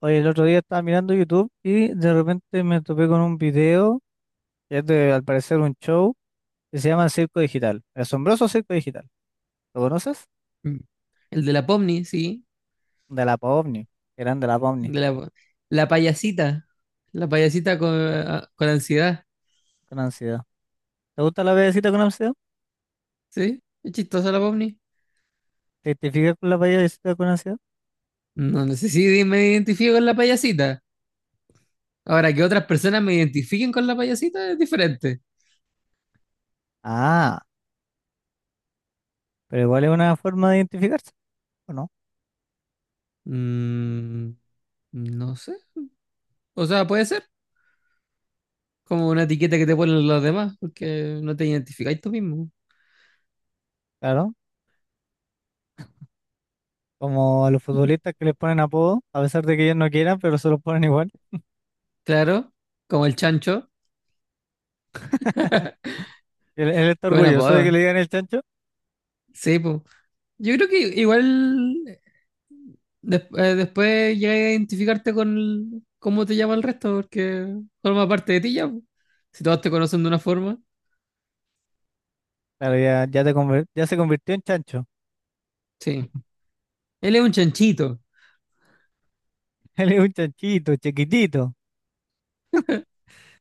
Oye, el otro día estaba mirando YouTube y de repente me topé con un video, que es al parecer un show, que se llama Circo Digital, el asombroso Circo Digital. ¿Lo conoces? Mm. El de la Pomni, sí. De la PAOVNI, eran de la PAOVNI, De la, la payasita. La payasita con, con ansiedad. con ansiedad. ¿Te gusta la payasita con ansiedad? ¿Sí? Es chistosa la Pomni. ¿Te identificas con la payasita con ansiedad? No, no sé si me identifico con la payasita. Ahora, que otras personas me identifiquen con la payasita es diferente. Ah, pero igual es una forma de identificarse, ¿o no? Mm, no sé. O sea, puede ser como una etiqueta que te ponen los demás, porque no te identificáis tú mismo. Claro, como a los futbolistas que les ponen apodo, a pesar de que ellos no quieran, pero se los ponen igual. Claro, como el chancho. Él está Qué buena orgulloso de que apodo. le digan el chancho. Sí, pues. Yo creo que igual después llegas a identificarte con cómo te llama el resto, porque forma parte de ti ya. Po. Si todos te conocen de una forma, Claro, ya, ya, ya se convirtió en chancho. sí. Él es un chanchito, Él es un chanchito, chiquitito.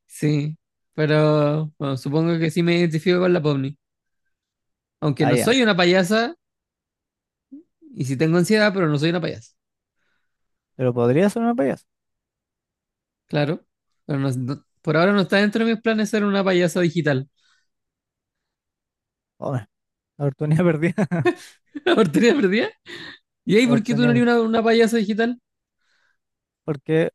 sí. Pero bueno, supongo que sí me identifico con la Pomni. Aunque Ah, no ya. soy una payasa, y sí tengo ansiedad, pero no soy una payasa. Pero podría ser una payasa. Claro. Pero por ahora no está dentro de mis planes ser una payasa digital. Hombre, oportunidad perdida. ¿Por perdida? ¿Y ahí por qué tú no Oportunidad eres perdida. una payasa digital? Porque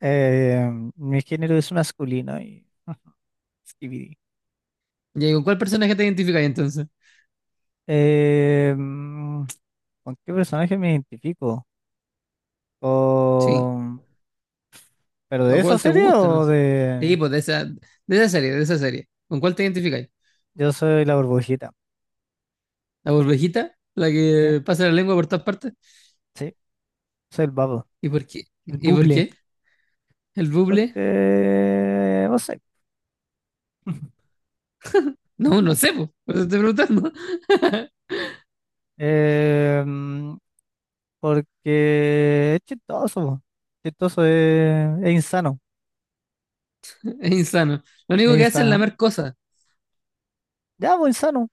eh, mi género es masculino y. Skibidi. ¿Y ahí con cuál personaje te identificas entonces? Eh, mm, ¿Con qué personaje me identifico? Sí. Con- ¿Pero de ¿A esa cuál te serie gusta? No o sé. de? Sí, pues de esa serie, de esa serie. ¿Con cuál te identificáis? Yo soy la burbujita. ¿La burbejita? ¿La Sí, que pasa la lengua por todas partes? sí. Soy el babo. ¿Y por qué? El ¿Y por buble. qué? ¿El buble? Porque. No sé. No, no sé, po. Por eso estoy preguntando. Em, porque es chistoso, po. Chistoso es insano, Es insano. Lo es único que hace es insano. lamer cosas. Ya, pues insano.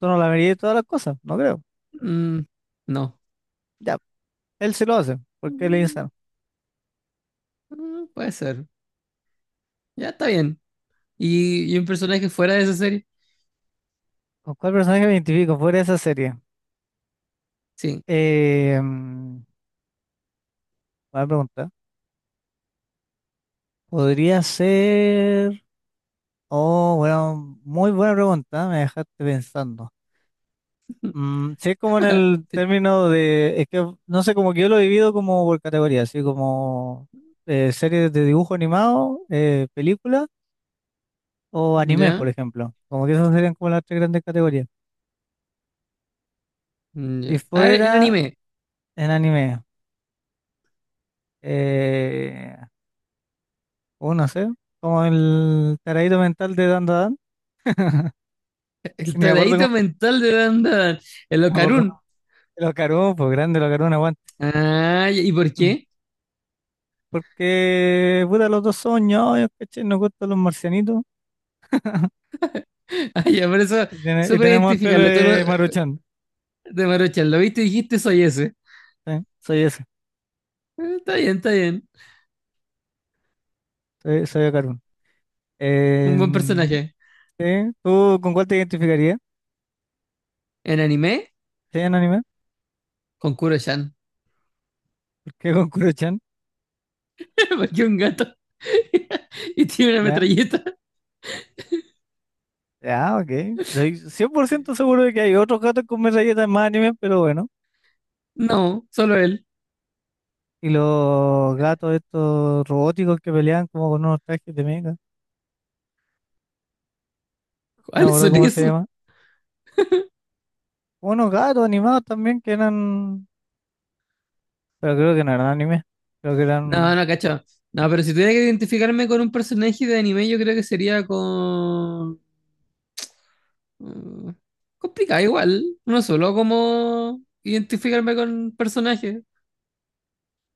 Tú no la verías de todas las cosas, no creo. Mm, no. Ya, él sí lo hace, porque él es Mm, insano. mm, puede ser. Ya está bien. ¿Y, un personaje fuera de esa serie? ¿Con cuál personaje me identifico fuera de esa serie? Sí. Eh, mm, buena pregunta. Podría ser. Oh, bueno, muy buena pregunta, me dejaste pensando. Sí, es como en el término de. Es que no sé, como que yo lo he vivido como por categoría, así como series de dibujo animado, películas o anime, por ¿Ya? ejemplo. Como que esas serían como las tres grandes categorías. Si Ya. A ver, en fuera anime. en anime, eh, o no sé, como el taradito mental de Dan Dan, El ni me acuerdo cómo, taradito mental de Dan Dan. El me acuerdo Ocarun. de los Cartoon, pues grande los Cartoon, aguante. Ah, ¿y por Mm. qué? Porque, puta, los dos son ñoños, ¿cachai? Nos gustan los marcianitos Ay, ya, por eso, y súper tenemos el pelo identificable. De Maruchan. De Maruchan, lo viste y dijiste, soy ese. ¿Sí? Soy ese, Está bien, está bien. soy de Cartoon. Un buen En- personaje. ¿Sí? ¿Tú con cuál te identificarías? En anime, ¿Sí, en anime? con Kuro-chan. ¿Por qué con Kuruchan? Porque un gato. Y tiene una metralleta. Ya, ok. Soy 100% seguro de que hay otros gatos con metralletas en más anime, pero bueno. No, solo él. Y los gatos estos robóticos que peleaban como con unos trajes de mecha. No me ¿Cuáles acuerdo son cómo se esos? llama. Unos gatos animados también que eran... Pero creo que no eran anime. Creo que No, eran... no, cacho. No, pero si tuviera que identificarme con un personaje de anime, yo creo que sería con. mm, Complicado igual. No solo como identificarme con personajes.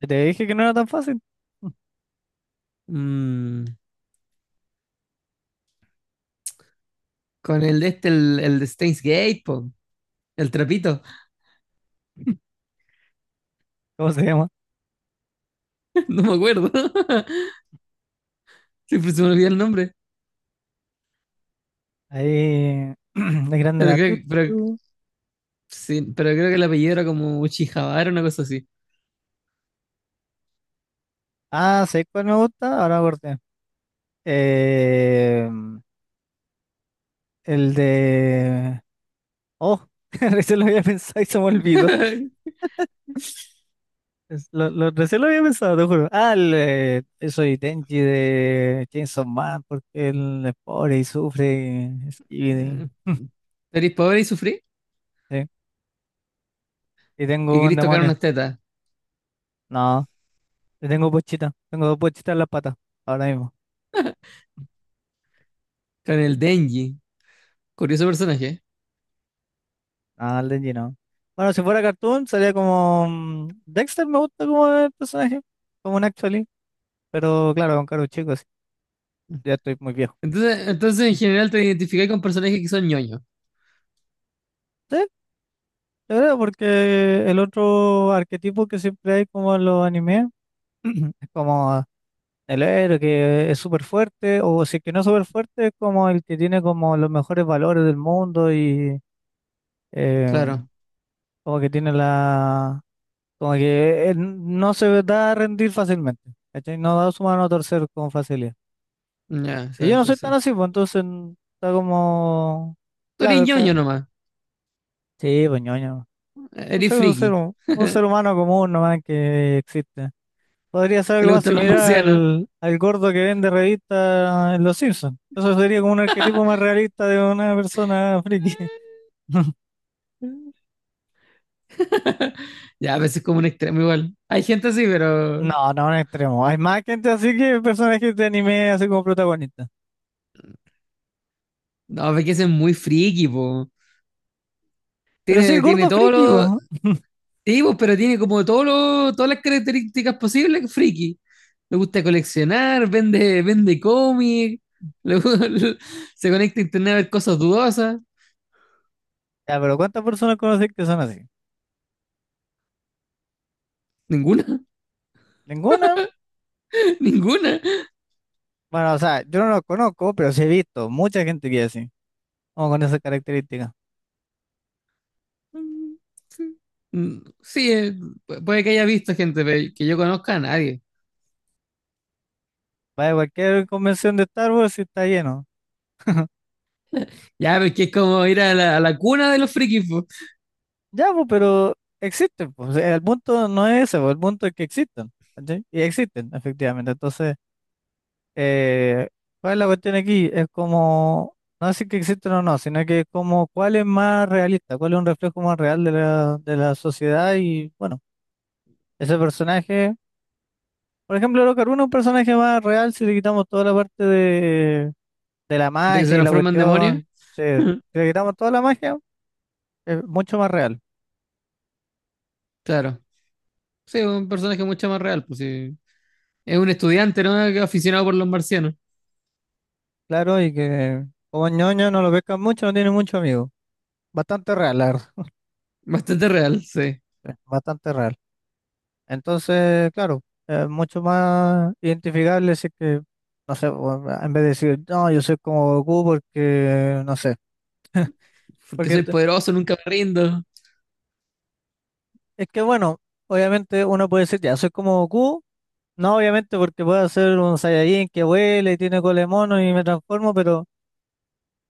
Te dije que no era tan fácil. Mm, con el de este, el de Steins Gate, po. El trapito, ¿Cómo se llama? no me acuerdo. Siempre se me olvida el nombre. Ahí... De grande Pero la creo, pero, tutu. sí, pero creo que el apellido era como Uchijabara, una cosa así. Ah, ¿sabes cuál me gusta? Ahora corté. Eh, el de... Oh, recién lo había pensado y se me olvidó. Recién lo había pensado, te juro. Ah, soy Denji de Chainsaw Man porque él es pobre y sufre y- ¿Eres pobre y sufrí? sí. Y Y tengo un querés tocar demonio. unas tetas. No, yo tengo pochita. Tengo dos pochitas en las patas ahora mismo. Con el Denji. Curioso personaje. Ah, el Denji no. Bueno, si fuera cartoon sería como Dexter, me gusta como el personaje, como un actually. Pero claro, con caros chicos, ya estoy muy viejo. Entonces, en general te identificáis con personajes que son ñoños. Sí, ¿de verdad? Porque el otro arquetipo que siempre hay como en los animes. Es como el héroe que es súper fuerte, o si es que no es súper fuerte, es como el que tiene como los mejores valores del mundo y eh, Claro. como que tiene la... Como que no se da a rendir fácilmente, ¿cachai? No da su mano a torcer con facilidad. Ya, Y yo sí, no sí, soy tan sí. así, pues entonces está como... Tú eres Claro, es ñoño como... nomás. Sí, pues ñoño. Un Eres ser, un ser, friki. un ser humano común nomás que existe. Podría ser Que algo le más gustan los similar marcianos. al gordo que vende revistas en Los Simpsons. Eso sería como un arquetipo más realista de una persona friki. Ya, a veces es como un extremo igual. Hay gente así, pero. No, no, un extremo. Hay más gente así que personajes de anime así como protagonistas. No, ve que es muy friki, po. Pero sí, el Tiene gordo todos friki, los po. sí, pues, pero tiene como todos los todas las características posibles, friki. Le gusta coleccionar, vende cómic, le gu- se conecta a internet a ver cosas dudosas. Ya, pero ¿cuántas personas conoces que son así? Ninguna, ¿Ninguna? ninguna. Bueno, o sea, yo no los conozco, pero sí he visto mucha gente que es así, como con esas características. Sí, puede que haya visto gente, pero que yo conozca a nadie. Vaya, cualquier convención de Star Wars y está lleno. Ya, pero es que es como ir a a la cuna de los frikis, po, Ya, pues, pero existen, pues. El punto no es ese, pues, el punto es que existen, ¿cachai? Y existen, efectivamente. Entonces, eh, ¿cuál es la cuestión aquí? Es como, no decir que existen o no, sino que es como cuál es más realista, cuál es un reflejo más real de la sociedad y, bueno, ese personaje, por ejemplo, Locaruna es un personaje más real si le quitamos toda la parte de la de que se magia y la transforman en demonios. cuestión, sí, si le quitamos toda la magia, es mucho más real. Claro. Sí, un personaje mucho más real, pues sí. Es un estudiante, ¿no? Aficionado por los marcianos. Claro, y que como ñoño no lo pescan mucho, no tiene mucho amigo. Bastante real, la verdad, Bastante real, sí. Bastante real. Entonces, claro, es mucho más identificable si es que, no sé, o, ah, en vez de decir, no, yo soy como Goku porque, no sé, Porque porque soy t- poderoso, nunca me rindo. es que bueno, obviamente uno puede decir, ya, soy como Goku, no obviamente porque puedo ser un Saiyajin que vuela y tiene cola de mono y me transformo, pero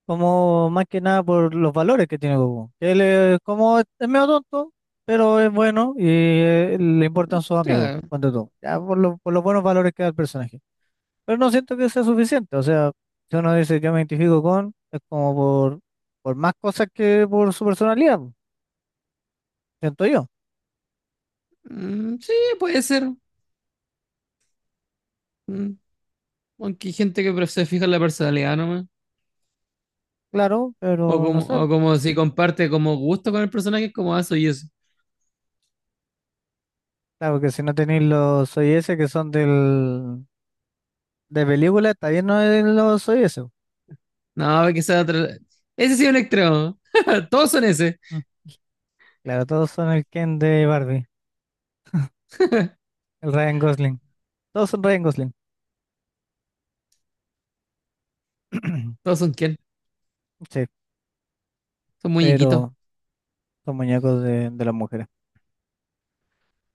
como más que nada por los valores que tiene Goku. Él es como es medio tonto, pero es bueno y le importan sus amigos, Claro. cuando todo. Ya por los buenos valores que da el personaje. Pero no siento que sea suficiente, o sea, si uno dice yo me identifico con, es como por, más cosas que por su personalidad, po, siento yo. Mm, sí, puede ser. Mm, aunque hay gente que se fija en la personalidad nomás. Claro, pero no sé. O como si comparte como gusto con el personaje, como eso y eso. Claro que si no tenéis los OIS que son de película, está bien no es los OIS. No, que sea otra- Ese sí es un extremo. Todos son ese. Mm, Claro, todos son el Ken de Barbie, el Ryan Gosling. Todos son Ryan Gosling. Todos son quién. Sí, Son muñequitos. pero son muñecos de las mujeres.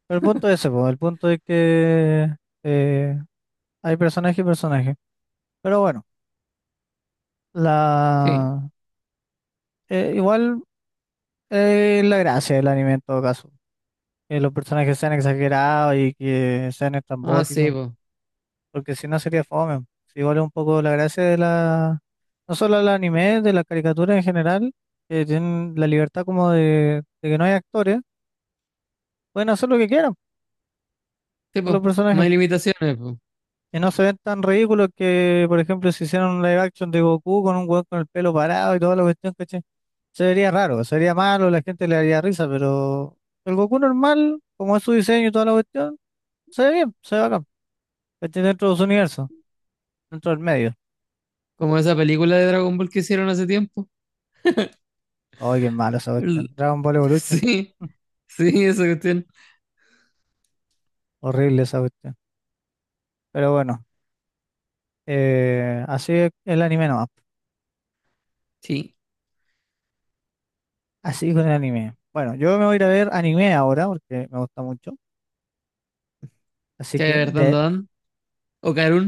Pero el punto es ese, po, el punto es que eh, hay personaje y personaje. Pero bueno, Sí. la igual, la gracia del anime en todo caso. Que los personajes sean exagerados y que sean Ah, sí, estrambóticos. po. Porque si no sería fome. Si igual es un poco la gracia de no solo del anime, de la caricatura en general, que tienen la libertad como de que no hay actores, pueden hacer lo que quieran Sí, con los po. No personajes. hay limitaciones, po. Y no se ven tan ridículos que, por ejemplo, si hicieran un live action de Goku con un weón con el pelo parado y toda la cuestión, ¿cachai? Se vería raro, se vería malo, la gente le daría risa, pero el Goku normal, como es su diseño y toda la cuestión, se ve bien, se ve bacán, ¿cachai? Dentro de su universo, dentro del medio. Como esa película de Dragon Ball que hicieron hace tiempo. Ay, qué malo esa cuestión. El- Dragon Ball Evolution, Sí, sí, esa cuestión. horrible esa cuestión. Pero bueno, así es el anime nomás, Sí. así con el anime. Bueno, yo me voy a ir a ver anime ahora porque me gusta mucho. Así que Caer Dan. de Dan. O Karun.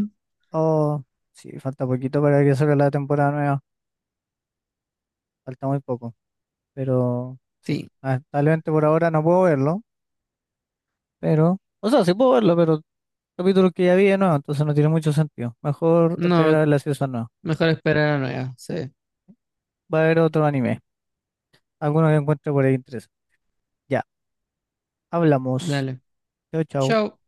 Oh, sí, falta poquito para que salga la temporada nueva. Falta muy poco. Pero sí, Sí, lamentablemente por ahora no puedo verlo. Pero, o sea, sí puedo verlo, pero capítulos que ya vi de nuevo, entonces no tiene mucho sentido. Mejor esperar no, a ver la season nueva. mejor esperar a la nueva. Sí, Va a haber otro anime. Alguno que encuentre por ahí interés. Ya, hablamos. dale. Chao, chao. Chao.